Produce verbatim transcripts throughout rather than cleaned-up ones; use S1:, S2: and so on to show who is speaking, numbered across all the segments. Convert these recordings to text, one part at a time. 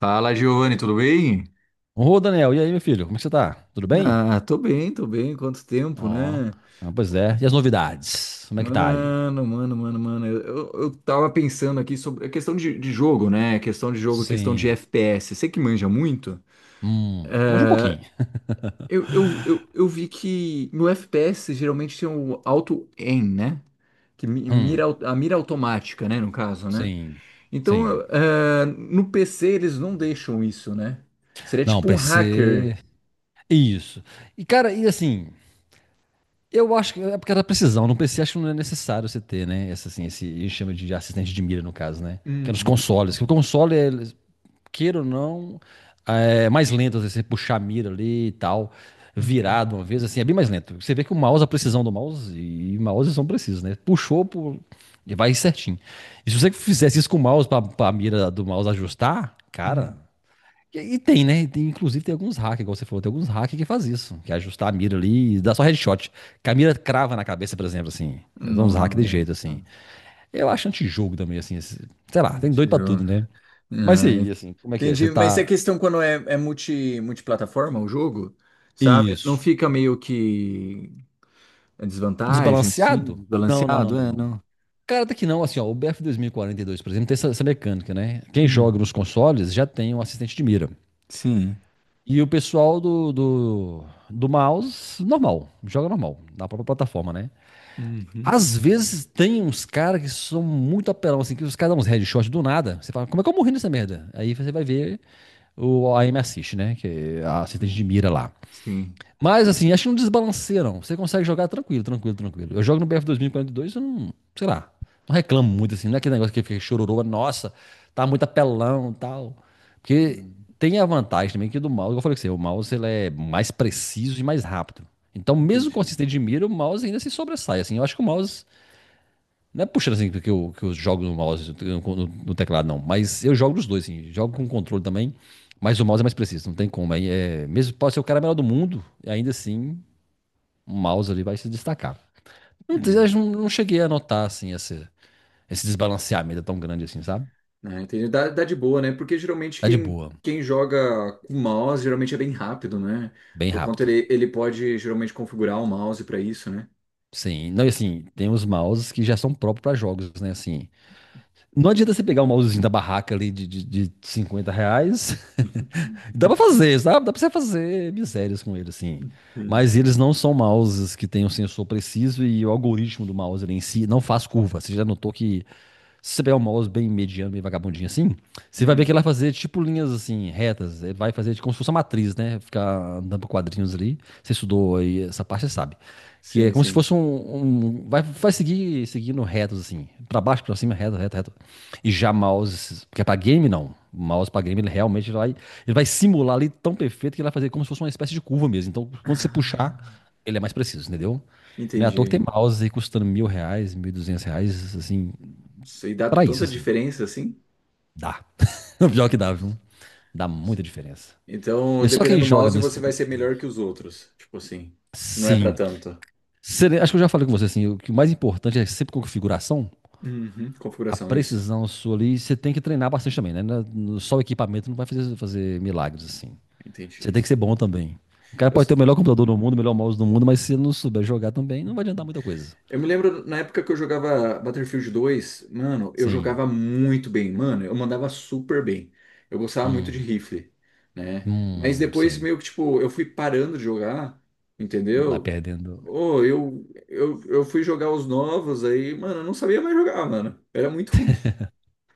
S1: Fala, Giovanni, tudo bem?
S2: Ô, Daniel, e aí, meu filho? Como é que você tá? Tudo bem?
S1: Ah, tô bem, tô bem. Quanto tempo,
S2: Ó,
S1: né?
S2: ah, pois é. E as novidades? Como é que tá aí?
S1: Mano, mano, mano, mano. Eu, eu, eu tava pensando aqui sobre a questão de, de jogo, né? Questão de jogo, questão de
S2: Sim.
S1: F P S. Você que manja muito,
S2: Hum, manja um pouquinho.
S1: eu, eu, eu, eu vi que no F P S geralmente tem o auto-aim, né? Que mi-
S2: Hum,
S1: mira, au- a mira automática, né? No caso, né?
S2: sim.
S1: Então,
S2: Sim.
S1: eu- eh, no P C eles não deixam isso, né? Seria
S2: Não,
S1: tipo um hacker.
S2: P C. Isso. E, cara, e assim, eu acho que é porque era precisão. No P C acho que não é necessário você ter, né? Esse, assim, esse, a gente chama de assistente de mira, no caso, né? Que é nos
S1: Uhum,
S2: consoles. Que o console, é- queira ou não, é mais lento às vezes, você puxar a mira ali e tal,
S1: uhum,
S2: virado uma vez, assim, é bem mais lento. Você vê que o mouse, a precisão do mouse, e mouse são precisos, né? Puxou, pu- e vai certinho. E se você fizesse isso com o mouse, pra, pra mira do mouse ajustar, cara.
S1: uhum.
S2: E, e tem, né? E tem- inclusive tem alguns hackers, igual você falou, tem alguns hackers que faz isso, que é ajustar a mira ali e dá só headshot. Que a mira crava na cabeça, por exemplo, assim. Eu dou uns hacks de jeito,
S1: Nossa.
S2: assim. Eu acho antijogo também, assim. esse- Sei lá, tem doido pra tudo,
S1: Entendi.
S2: né? Mas e
S1: Ah,
S2: aí,
S1: ent-
S2: assim, como é que é? Você
S1: entendi. Mas é
S2: tá.
S1: questão quando é, é multi, multiplataforma o jogo, sabe? Não
S2: Isso.
S1: fica meio que a desvantagem,
S2: Desbalanceado?
S1: assim,
S2: Não, não, não,
S1: balanceado,
S2: não,
S1: é,
S2: não.
S1: não?
S2: Cara, até que não, assim, ó, o B F dois mil e quarenta e dois, por exemplo, tem essa, essa mecânica, né? Quem joga
S1: Hum,
S2: nos consoles já tem um assistente de mira.
S1: sim.
S2: E o pessoal do, do, do mouse, normal, joga normal, na própria plataforma, né?
S1: Uhum.
S2: Às vezes tem uns caras que são muito apelão, assim, que os caras dão uns headshot do nada. Você fala, como é que eu morri nessa merda? Aí você vai ver o aim assist, né? Que é a assistente de mira lá.
S1: Sim.
S2: Mas assim, acho que não desbalanceia, não. Você consegue jogar tranquilo, tranquilo, tranquilo. Eu jogo no B F dois mil e quarenta e dois, eu não, sei lá, não reclamo muito assim. Não é aquele negócio que fica chororô, nossa, tá muito apelão e tal. Porque
S1: Hum,
S2: tem a vantagem também que do mouse, igual eu falei que você, o mouse ele é mais preciso e mais rápido. Então, mesmo com
S1: entendi.
S2: assistente de mira, o mouse ainda se sobressai. Assim, eu acho que o mouse. Não é puxando assim que eu, que eu jogo no mouse, no, no teclado, não. Mas eu jogo nos dois, assim. Jogo com controle também. Mas o mouse é mais preciso, não tem como. Aí é, mesmo pode ser o cara melhor do mundo, ainda assim um mouse ali vai se destacar. Não, eu
S1: Hum.
S2: não não cheguei a notar, assim, esse, esse desbalanceamento tão grande assim, sabe?
S1: Ah, entendi. Dá, dá de boa, né? Porque geralmente
S2: Tá de
S1: quem,
S2: boa,
S1: quem joga com mouse geralmente é bem rápido, né?
S2: bem
S1: Por conta
S2: rápido.
S1: ele, ele pode geralmente configurar o mouse para isso, né?
S2: Sim, não, e assim, tem os mouses que já são próprios para jogos, né? Assim, não adianta você pegar um mousezinho da barraca ali de, de, de cinquenta reais. Dá pra fazer, sabe? Dá pra você fazer misérias com ele, assim.
S1: Sim.
S2: Mas eles não são mouses que têm um sensor preciso e o algoritmo do mouse ali em si não faz curva. Você já notou que se você pegar um mouse bem mediano, bem vagabundinho assim, você vai ver
S1: Hum,
S2: que ele vai fazer tipo linhas assim, retas. Ele vai fazer como se fosse uma matriz, né? Ficar andando por quadrinhos ali. Você estudou aí essa parte, você sabe. Que é
S1: sim,
S2: como se
S1: sim.
S2: fosse um. um- vai, vai seguir seguindo retos, assim. Pra baixo, pra cima, reto, reto, reto. E já mouse, porque para game não. O mouse para game ele realmente vai, ele vai simular ali tão perfeito que ele vai fazer como se fosse uma espécie de curva mesmo. Então, quando você
S1: Ah.
S2: puxar, ele é mais preciso, entendeu? Não é à toa que tem
S1: Entendi.
S2: mouse aí custando mil reais, mil e duzentos reais, assim,
S1: Nossa. E dá
S2: para isso,
S1: tanta
S2: assim,
S1: diferença assim?
S2: dá. O pior que dá,
S1: Nossa.
S2: viu? Dá
S1: Nossa.
S2: muita diferença. E
S1: Então,
S2: é só quem
S1: dependendo do
S2: joga
S1: mouse,
S2: mesmo
S1: você vai ser
S2: competitivo.
S1: melhor que os outros. Tipo assim, não é pra
S2: Sim.
S1: tanto.
S2: Sele- Acho que eu já falei com você, assim, o que o mais importante é sempre com configuração,
S1: Uhum,
S2: a
S1: configuração, isso.
S2: precisão sua ali, você tem que treinar bastante também, né? Na- no- Só o equipamento não vai fazer, fazer milagres, assim. Você
S1: Entendi.
S2: tem que ser bom também. O cara
S1: Eu,
S2: pode ter o melhor computador do mundo, o melhor mouse do mundo, mas se ele não souber jogar também, não vai adiantar muita coisa.
S1: Eu me lembro na época que eu jogava Battlefield dois, mano, eu
S2: Sim.
S1: jogava muito bem, mano, eu mandava super bem. Eu gostava muito de rifle, né? Mas
S2: Hum,
S1: depois
S2: sim.
S1: meio que tipo, eu fui parando de jogar,
S2: Vai
S1: entendeu?
S2: perdendo.
S1: Oh, eu, eu, eu fui jogar os novos aí, mano, eu não sabia mais jogar, mano. Era muito ruim.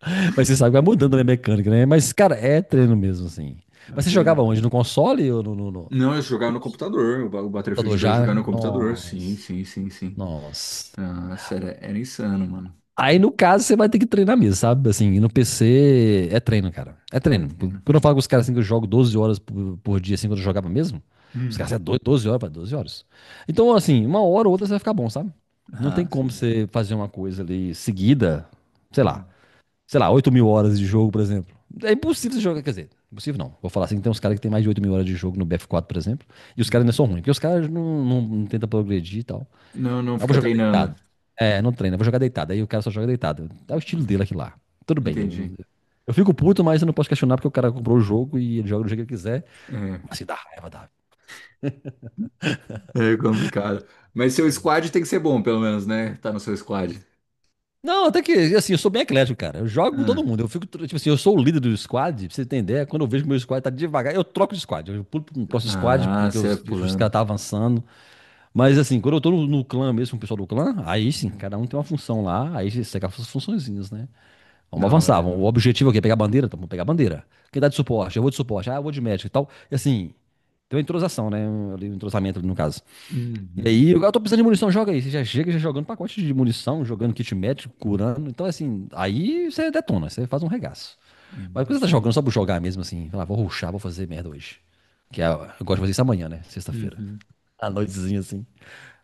S2: Mas você sabe que vai mudando né, a mecânica, né? Mas, cara, é treino mesmo, assim.
S1: Na
S2: Mas você jogava
S1: trina.
S2: onde? No console ou no, no, no-
S1: Não, eu jogava
S2: no
S1: no computador, o Ba- o
S2: computador
S1: Battlefield dois
S2: já?
S1: jogava no computador, sim,
S2: Nossa.
S1: sim, sim, sim.
S2: Nossa.
S1: Nossa, era, era insano, mano.
S2: Aí, no caso, você vai ter que treinar mesmo, sabe? Assim, e no P C é treino, cara. É
S1: É,
S2: treino.
S1: né?
S2: Quando eu falo com os caras assim que eu jogo doze horas por, por dia, assim, quando eu jogava mesmo, os
S1: Hum.
S2: caras, é doido, doze horas, para doze horas. Então, assim, uma hora ou outra você vai ficar bom, sabe? Não tem
S1: Nossa.
S2: como você fazer uma coisa ali seguida, sei lá,
S1: Hum.
S2: sei lá, oito mil horas de jogo, por exemplo. É impossível você jogar, quer dizer, impossível não. Vou falar assim, tem uns caras que tem mais de oito mil horas de jogo no B F quatro, por exemplo, e os caras
S1: Hum.
S2: ainda são ruins, porque os caras não, não, não tentam progredir e tal.
S1: Não, não
S2: Eu vou
S1: fica
S2: jogar deitado.
S1: treinando.
S2: É, não treina, eu vou jogar deitado. Aí o cara só joga deitado. É o estilo dele aqui lá. Tudo bem.
S1: Entendi.
S2: eu- Eu fico puto, mas eu não posso questionar porque o cara comprou o jogo e ele joga do jeito que ele quiser.
S1: É,
S2: Mas se dá raiva, dá.
S1: é complicado. Mas seu squad tem que ser bom, pelo menos, né? Tá no seu squad.
S2: Não, até que, assim, eu sou bem eclético, cara. Eu jogo com todo
S1: Ah,
S2: mundo. Eu fico, tipo assim, eu sou o líder do squad, pra você entender. Quando eu vejo que meu squad tá devagar, eu troco de squad. Eu pulo pro próximo squad,
S1: ah,
S2: porque
S1: você é
S2: os, os
S1: pulando.
S2: caras tá avançando. Mas, assim, quando eu tô no, no clã mesmo, com o pessoal do clã, aí sim,
S1: Hum,
S2: cada um tem uma função lá. Aí você segue as funçõezinhas, né? Vamos
S1: Da
S2: avançar.
S1: hora.
S2: vamos- O objetivo é o quê? Pegar a bandeira? Então, vamos pegar a bandeira. Quem dá de suporte? Eu vou de suporte. Ah, eu vou de médico e tal. E assim, tem uma entrosação, né? Um, ali, um entrosamento ali, no caso. E
S1: Uhum,
S2: aí, eu, eu tô precisando de munição, joga aí. Você já chega já jogando pacote de munição, jogando kit médico, curando. Então, assim, aí você detona, você faz um regaço. Mas quando você tá
S1: imagino.
S2: jogando só por jogar mesmo, assim, fala, vou ruxar, vou fazer merda hoje. Que é, eu gosto de fazer isso amanhã, né? Sexta-feira.
S1: Uhum.
S2: À noitezinha, assim.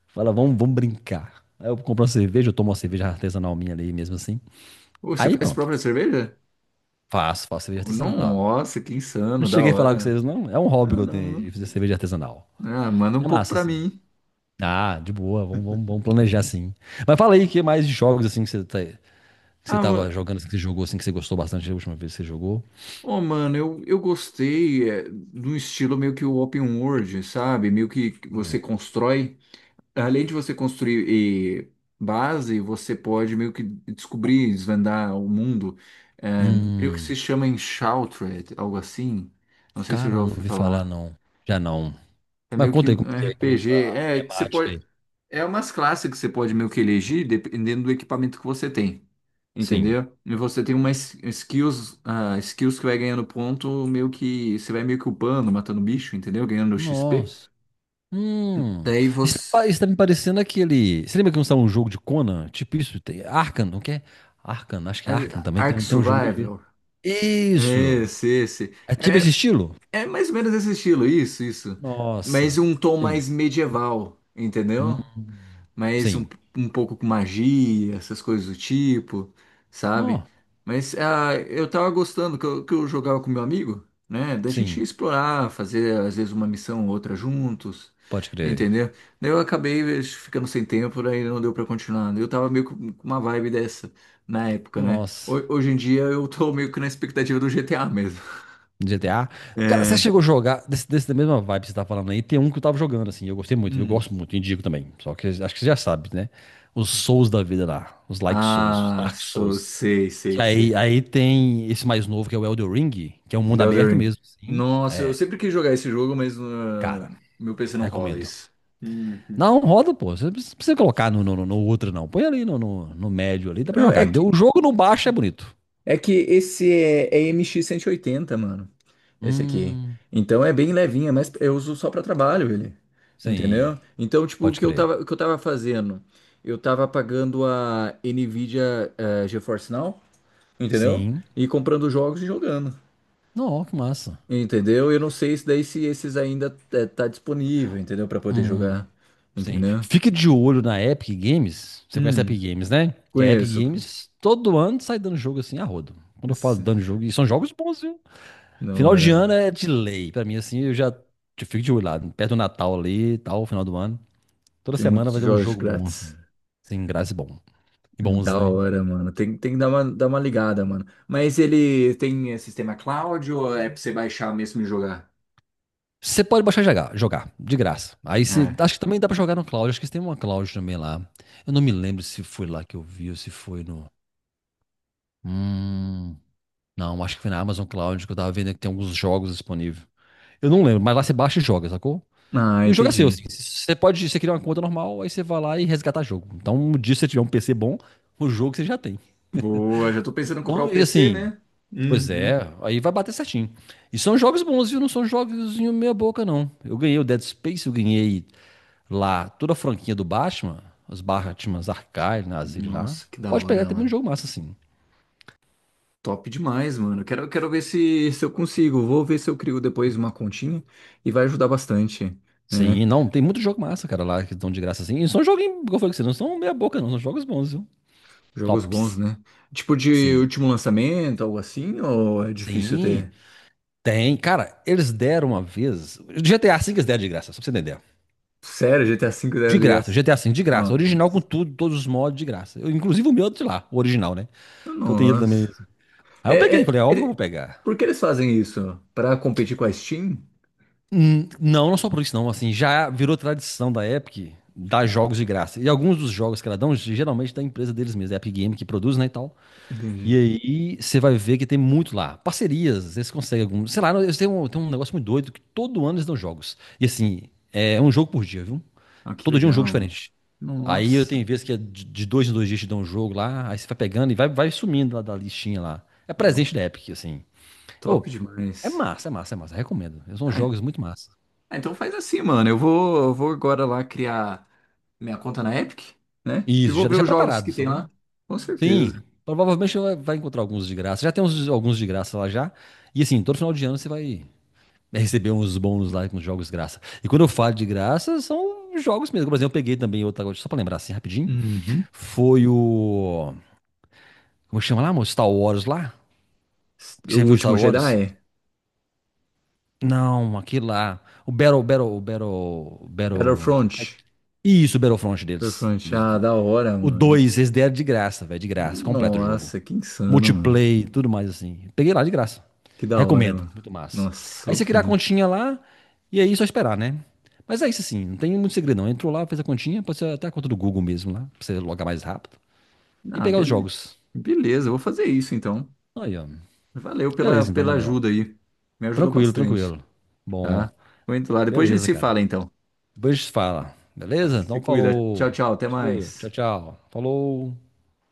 S2: Fala, vamos, vamos brincar. Aí eu compro uma cerveja, eu tomo uma cerveja artesanal minha ali mesmo assim.
S1: Ô, você
S2: Aí
S1: faz
S2: pronto.
S1: própria cerveja?
S2: Faço, faço cerveja artesanal.
S1: Nossa, que
S2: Não
S1: insano, da
S2: cheguei a falar com
S1: hora.
S2: vocês, não. É um hobby que
S1: Não,
S2: eu
S1: não,
S2: tenho aí,
S1: não.
S2: fazer cerveja artesanal.
S1: Ah, manda um
S2: É
S1: pouco
S2: massa,
S1: pra
S2: assim.
S1: mim.
S2: Ah, de boa, vamos, vamos, vamos planejar assim. Mas fala aí, o que mais de jogos assim que você tá, que você
S1: Ah,
S2: tava
S1: ma-
S2: jogando, assim, que você jogou, assim, que você gostou bastante da última vez que você jogou?
S1: ô, mano, eu, eu gostei é, de um estilo meio que o open world, sabe? Meio que você
S2: Hum,
S1: constrói. Além de você construir eh, base, você pode meio que descobrir, desvendar o mundo. É, uhum. Creio que se
S2: Hum,
S1: chama Enshrouded, algo assim. Não sei se eu já
S2: cara, não
S1: ouvi
S2: ouvi falar
S1: falar.
S2: não. Já não.
S1: É
S2: Mas
S1: meio que
S2: conta aí como
S1: um
S2: é que é, como é
S1: R P G.
S2: a
S1: É, que você
S2: temática
S1: pode.
S2: aí.
S1: É umas classes que você pode meio que elegir dependendo do equipamento que você tem.
S2: Sim.
S1: Entendeu? E você tem umas skills, ah, skills que vai ganhando ponto, meio que você vai meio que upando, matando bicho, entendeu? Ganhando X P.
S2: Nossa. Hum,
S1: Daí
S2: isso tá,
S1: você.
S2: pa- isso tá me parecendo aquele. Você lembra que não estava um jogo de Conan? Tipo isso, tem Arkham, não quer? É? Arkham, acho que
S1: É,
S2: é Arkham também
S1: Ark
S2: tem, tem um jogo de jeito.
S1: Survival. É,
S2: Isso!
S1: esse, esse.
S2: É tipo esse
S1: É,
S2: estilo?
S1: é mais ou menos esse estilo, isso, isso. Mas
S2: Nossa,
S1: um tom
S2: sim,
S1: mais medieval, entendeu? Mas um,
S2: sim.
S1: um pouco com magia, essas coisas do tipo, sabe?
S2: Nó,
S1: Mas ah, eu tava gostando que eu, que eu jogava com meu amigo, né? Da gente
S2: sim,
S1: explorar, fazer às vezes uma missão ou outra juntos,
S2: pode crer.
S1: entendeu? Daí eu acabei eh, ficando sem tempo, daí não deu pra continuar. Eu tava meio com com uma vibe dessa na época, né?
S2: Nossa,
S1: Ho- Hoje em dia eu tô meio que na expectativa do G T A mesmo.
S2: G T A. Cara, você
S1: É.
S2: chegou a jogar desse, desse da mesma vibe que você tá falando aí? Tem um que eu tava jogando assim, eu gostei muito, eu
S1: Hum.
S2: gosto muito, indico também. Só que acho que você já sabe, né? Os Souls da vida lá, os Like Souls, os
S1: Ah,
S2: Dark
S1: so,
S2: Souls.
S1: sei, sei,
S2: Aí,
S1: sei.
S2: aí tem esse mais novo que é o Elden Ring, que é um
S1: The
S2: mundo
S1: Elden
S2: aberto
S1: Ring.
S2: mesmo, sim.
S1: Nossa, eu
S2: É,
S1: sempre quis jogar esse jogo, mas ah,
S2: cara,
S1: meu P C não rola
S2: recomendo.
S1: isso. Uhum.
S2: Não, roda, pô. Você não precisa colocar no, no, no outro, não. Põe ali no, no, no médio ali, dá pra
S1: Não, é
S2: jogar. Deu
S1: que,
S2: o jogo no baixo é bonito.
S1: é que esse é, é M X oitenta mano. Esse aqui.
S2: Hum,
S1: Então é bem levinha, mas eu uso só pra trabalho ele.
S2: sim.
S1: Entendeu? Então, tipo, o
S2: Pode
S1: que eu
S2: crer.
S1: tava, o que eu tava fazendo? Eu tava pagando a Nvidia eh, GeForce Now, entendeu?
S2: Sim.
S1: E comprando jogos e jogando.
S2: Não, que massa.
S1: Entendeu? Eu não sei se daí se esses ainda é, tá disponível, entendeu? Pra poder
S2: Hum,
S1: jogar,
S2: sim.
S1: entendeu?
S2: Fique de olho na Epic Games. Você conhece a
S1: Hum,
S2: Epic Games, né? Que a Epic
S1: conheço.
S2: Games todo ano sai dando jogo assim a rodo. Quando eu falo
S1: Esse-
S2: dando jogo, e são jogos bons, viu?
S1: Da
S2: Final de ano
S1: hora.
S2: é de lei. Pra mim, assim, eu já eu fico de olho lá, perto do Natal ali e tal, final do ano. Toda
S1: Tem
S2: semana
S1: muitos
S2: vai ter um
S1: jogos
S2: jogo bom,
S1: grátis.
S2: assim. Sem graça e bom. E bons,
S1: Da
S2: né?
S1: hora, mano. Tem, tem que dar uma, dar uma ligada, mano. Mas ele tem é, sistema cloud ou é pra você baixar mesmo e jogar?
S2: Você pode baixar e jogar, jogar, de graça. Aí você.
S1: Ah,
S2: Acho que também dá pra jogar no cloud. Acho que tem uma cloud também lá. Eu não me lembro se foi lá que eu vi ou se foi no. Hum. Não, acho que foi na Amazon Cloud que eu tava vendo que tem alguns jogos disponíveis. Eu não lembro, mas lá você baixa e joga, sacou?
S1: ah,
S2: E o jogo é seu, assim.
S1: entendi.
S2: Você pode, você criar uma conta normal, aí você vai lá e resgatar jogo. Então, um dia se você tiver um P C bom, o jogo você já tem.
S1: Boa, já tô pensando em comprar
S2: Então,
S1: o
S2: e
S1: P C,
S2: assim,
S1: né?
S2: pois
S1: Uhum.
S2: é, aí vai bater certinho. E são jogos bons, viu? Não são jogos meia boca, não. Eu ganhei o Dead Space, eu ganhei lá toda a franquinha do Batman, os Batmans Archive, Nazir lá.
S1: Nossa, que da
S2: Pode pegar,
S1: hora,
S2: tem muito
S1: mano.
S2: jogo massa, assim.
S1: Top demais, mano. Quero, quero ver se, se eu consigo. Vou ver se eu crio depois uma continha e vai ajudar bastante, né?
S2: Sim, não, tem muito jogo massa, cara, lá que estão de graça, assim. E são jogos, como eu falei com você, não são meia boca, não. São jogos bons, viu?
S1: Jogos bons,
S2: Tops.
S1: né? Tipo de
S2: Sim.
S1: último lançamento, algo assim, ou é difícil
S2: Sim.
S1: ter?
S2: Tem, cara, eles deram uma vez. G T A cinco eles deram de graça, só pra você entender.
S1: Sério, G T A cinco era
S2: De
S1: de
S2: graça,
S1: graça?
S2: G T A cinco de
S1: Não.
S2: graça. Original com tudo, todos os mods de graça. Eu, inclusive o meu de lá, o original, né? Que eu tenho ele
S1: Nossa.
S2: também. Aí eu
S1: É,
S2: peguei, falei,
S1: é-
S2: é óbvio que eu
S1: ele-
S2: vou pegar.
S1: por que eles fazem isso? Pra competir com a Steam?
S2: Hum, Não, não só por isso, não. Assim, já virou tradição da Epic dar jogos de graça. E alguns dos jogos que ela dão, geralmente da empresa deles mesmos, Epic Game que produz, né, e tal. E
S1: Entendi.
S2: aí você vai ver que tem muito lá. Parcerias, eles conseguem alguns. Sei lá, eles têm um, têm um negócio muito doido que todo ano eles dão jogos. E assim, é um jogo por dia, viu?
S1: Ah, que
S2: Todo dia um jogo
S1: legal,
S2: diferente.
S1: mano.
S2: Aí eu
S1: Nossa,
S2: tenho vezes que é de de dois em dois dias te dão um jogo lá, aí você vai pegando e vai, vai sumindo lá da listinha lá. É
S1: mano.
S2: presente da Epic, assim. Ô,
S1: Top
S2: é
S1: demais.
S2: massa, é massa, é massa. Recomendo. São
S1: Ah,
S2: jogos muito massa.
S1: ah, então faz assim, mano. Eu vou, eu vou agora lá criar minha conta na Epic, né? E
S2: Isso,
S1: vou
S2: já
S1: ver
S2: deixa
S1: os jogos
S2: preparado,
S1: que tem
S2: sacou?
S1: lá. Com
S2: Sim,
S1: certeza.
S2: provavelmente vai vai encontrar alguns de graça. Já tem uns, alguns de graça lá já. E assim, todo final de ano você vai receber uns bônus lá com jogos de graça. E quando eu falo de graça, são jogos mesmo. Por exemplo, eu peguei também outra, só pra lembrar assim rapidinho.
S1: Uhum.
S2: Foi o. Como chama lá, amor? Star Wars lá? Que
S1: O
S2: você viu
S1: último
S2: Star Wars?
S1: Jedi?
S2: Não, aquilo lá. O Battle, Battle, Battle, Battle. é-
S1: Battlefront.
S2: Isso, o Battlefront deles.
S1: Battlefront.
S2: Dos-
S1: Ah,
S2: do-
S1: da hora,
S2: O
S1: mano.
S2: dois eles deram de graça, velho, de graça. Completo o jogo.
S1: Nossa, que insano, mano.
S2: Multiplay, tudo mais assim. Peguei lá de graça.
S1: Que da hora,
S2: Recomendo,
S1: mano.
S2: muito massa.
S1: Nossa,
S2: Aí você
S1: outro
S2: criar a
S1: nível.
S2: continha lá e aí é só esperar, né? Mas é isso assim, não tem muito segredo não. Entrou lá, fez a continha, pode ser até a conta do Google mesmo lá, pra você logar mais rápido. E
S1: Ah,
S2: pegar os
S1: beleza.
S2: jogos.
S1: Beleza, eu vou fazer isso então.
S2: Aí, ó.
S1: Valeu pela,
S2: Beleza então,
S1: pela
S2: Daniel.
S1: ajuda aí. Me ajudou
S2: Tranquilo,
S1: bastante,
S2: tranquilo. Bom,
S1: tá? Vou indo lá. Depois a gente
S2: beleza,
S1: se
S2: cara.
S1: fala então,
S2: Depois a gente fala,
S1: tá?
S2: beleza?
S1: Se
S2: Então
S1: cuida. Tchau,
S2: falou.
S1: tchau. Até
S2: Segura. Tchau,
S1: mais.
S2: tchau. Falou.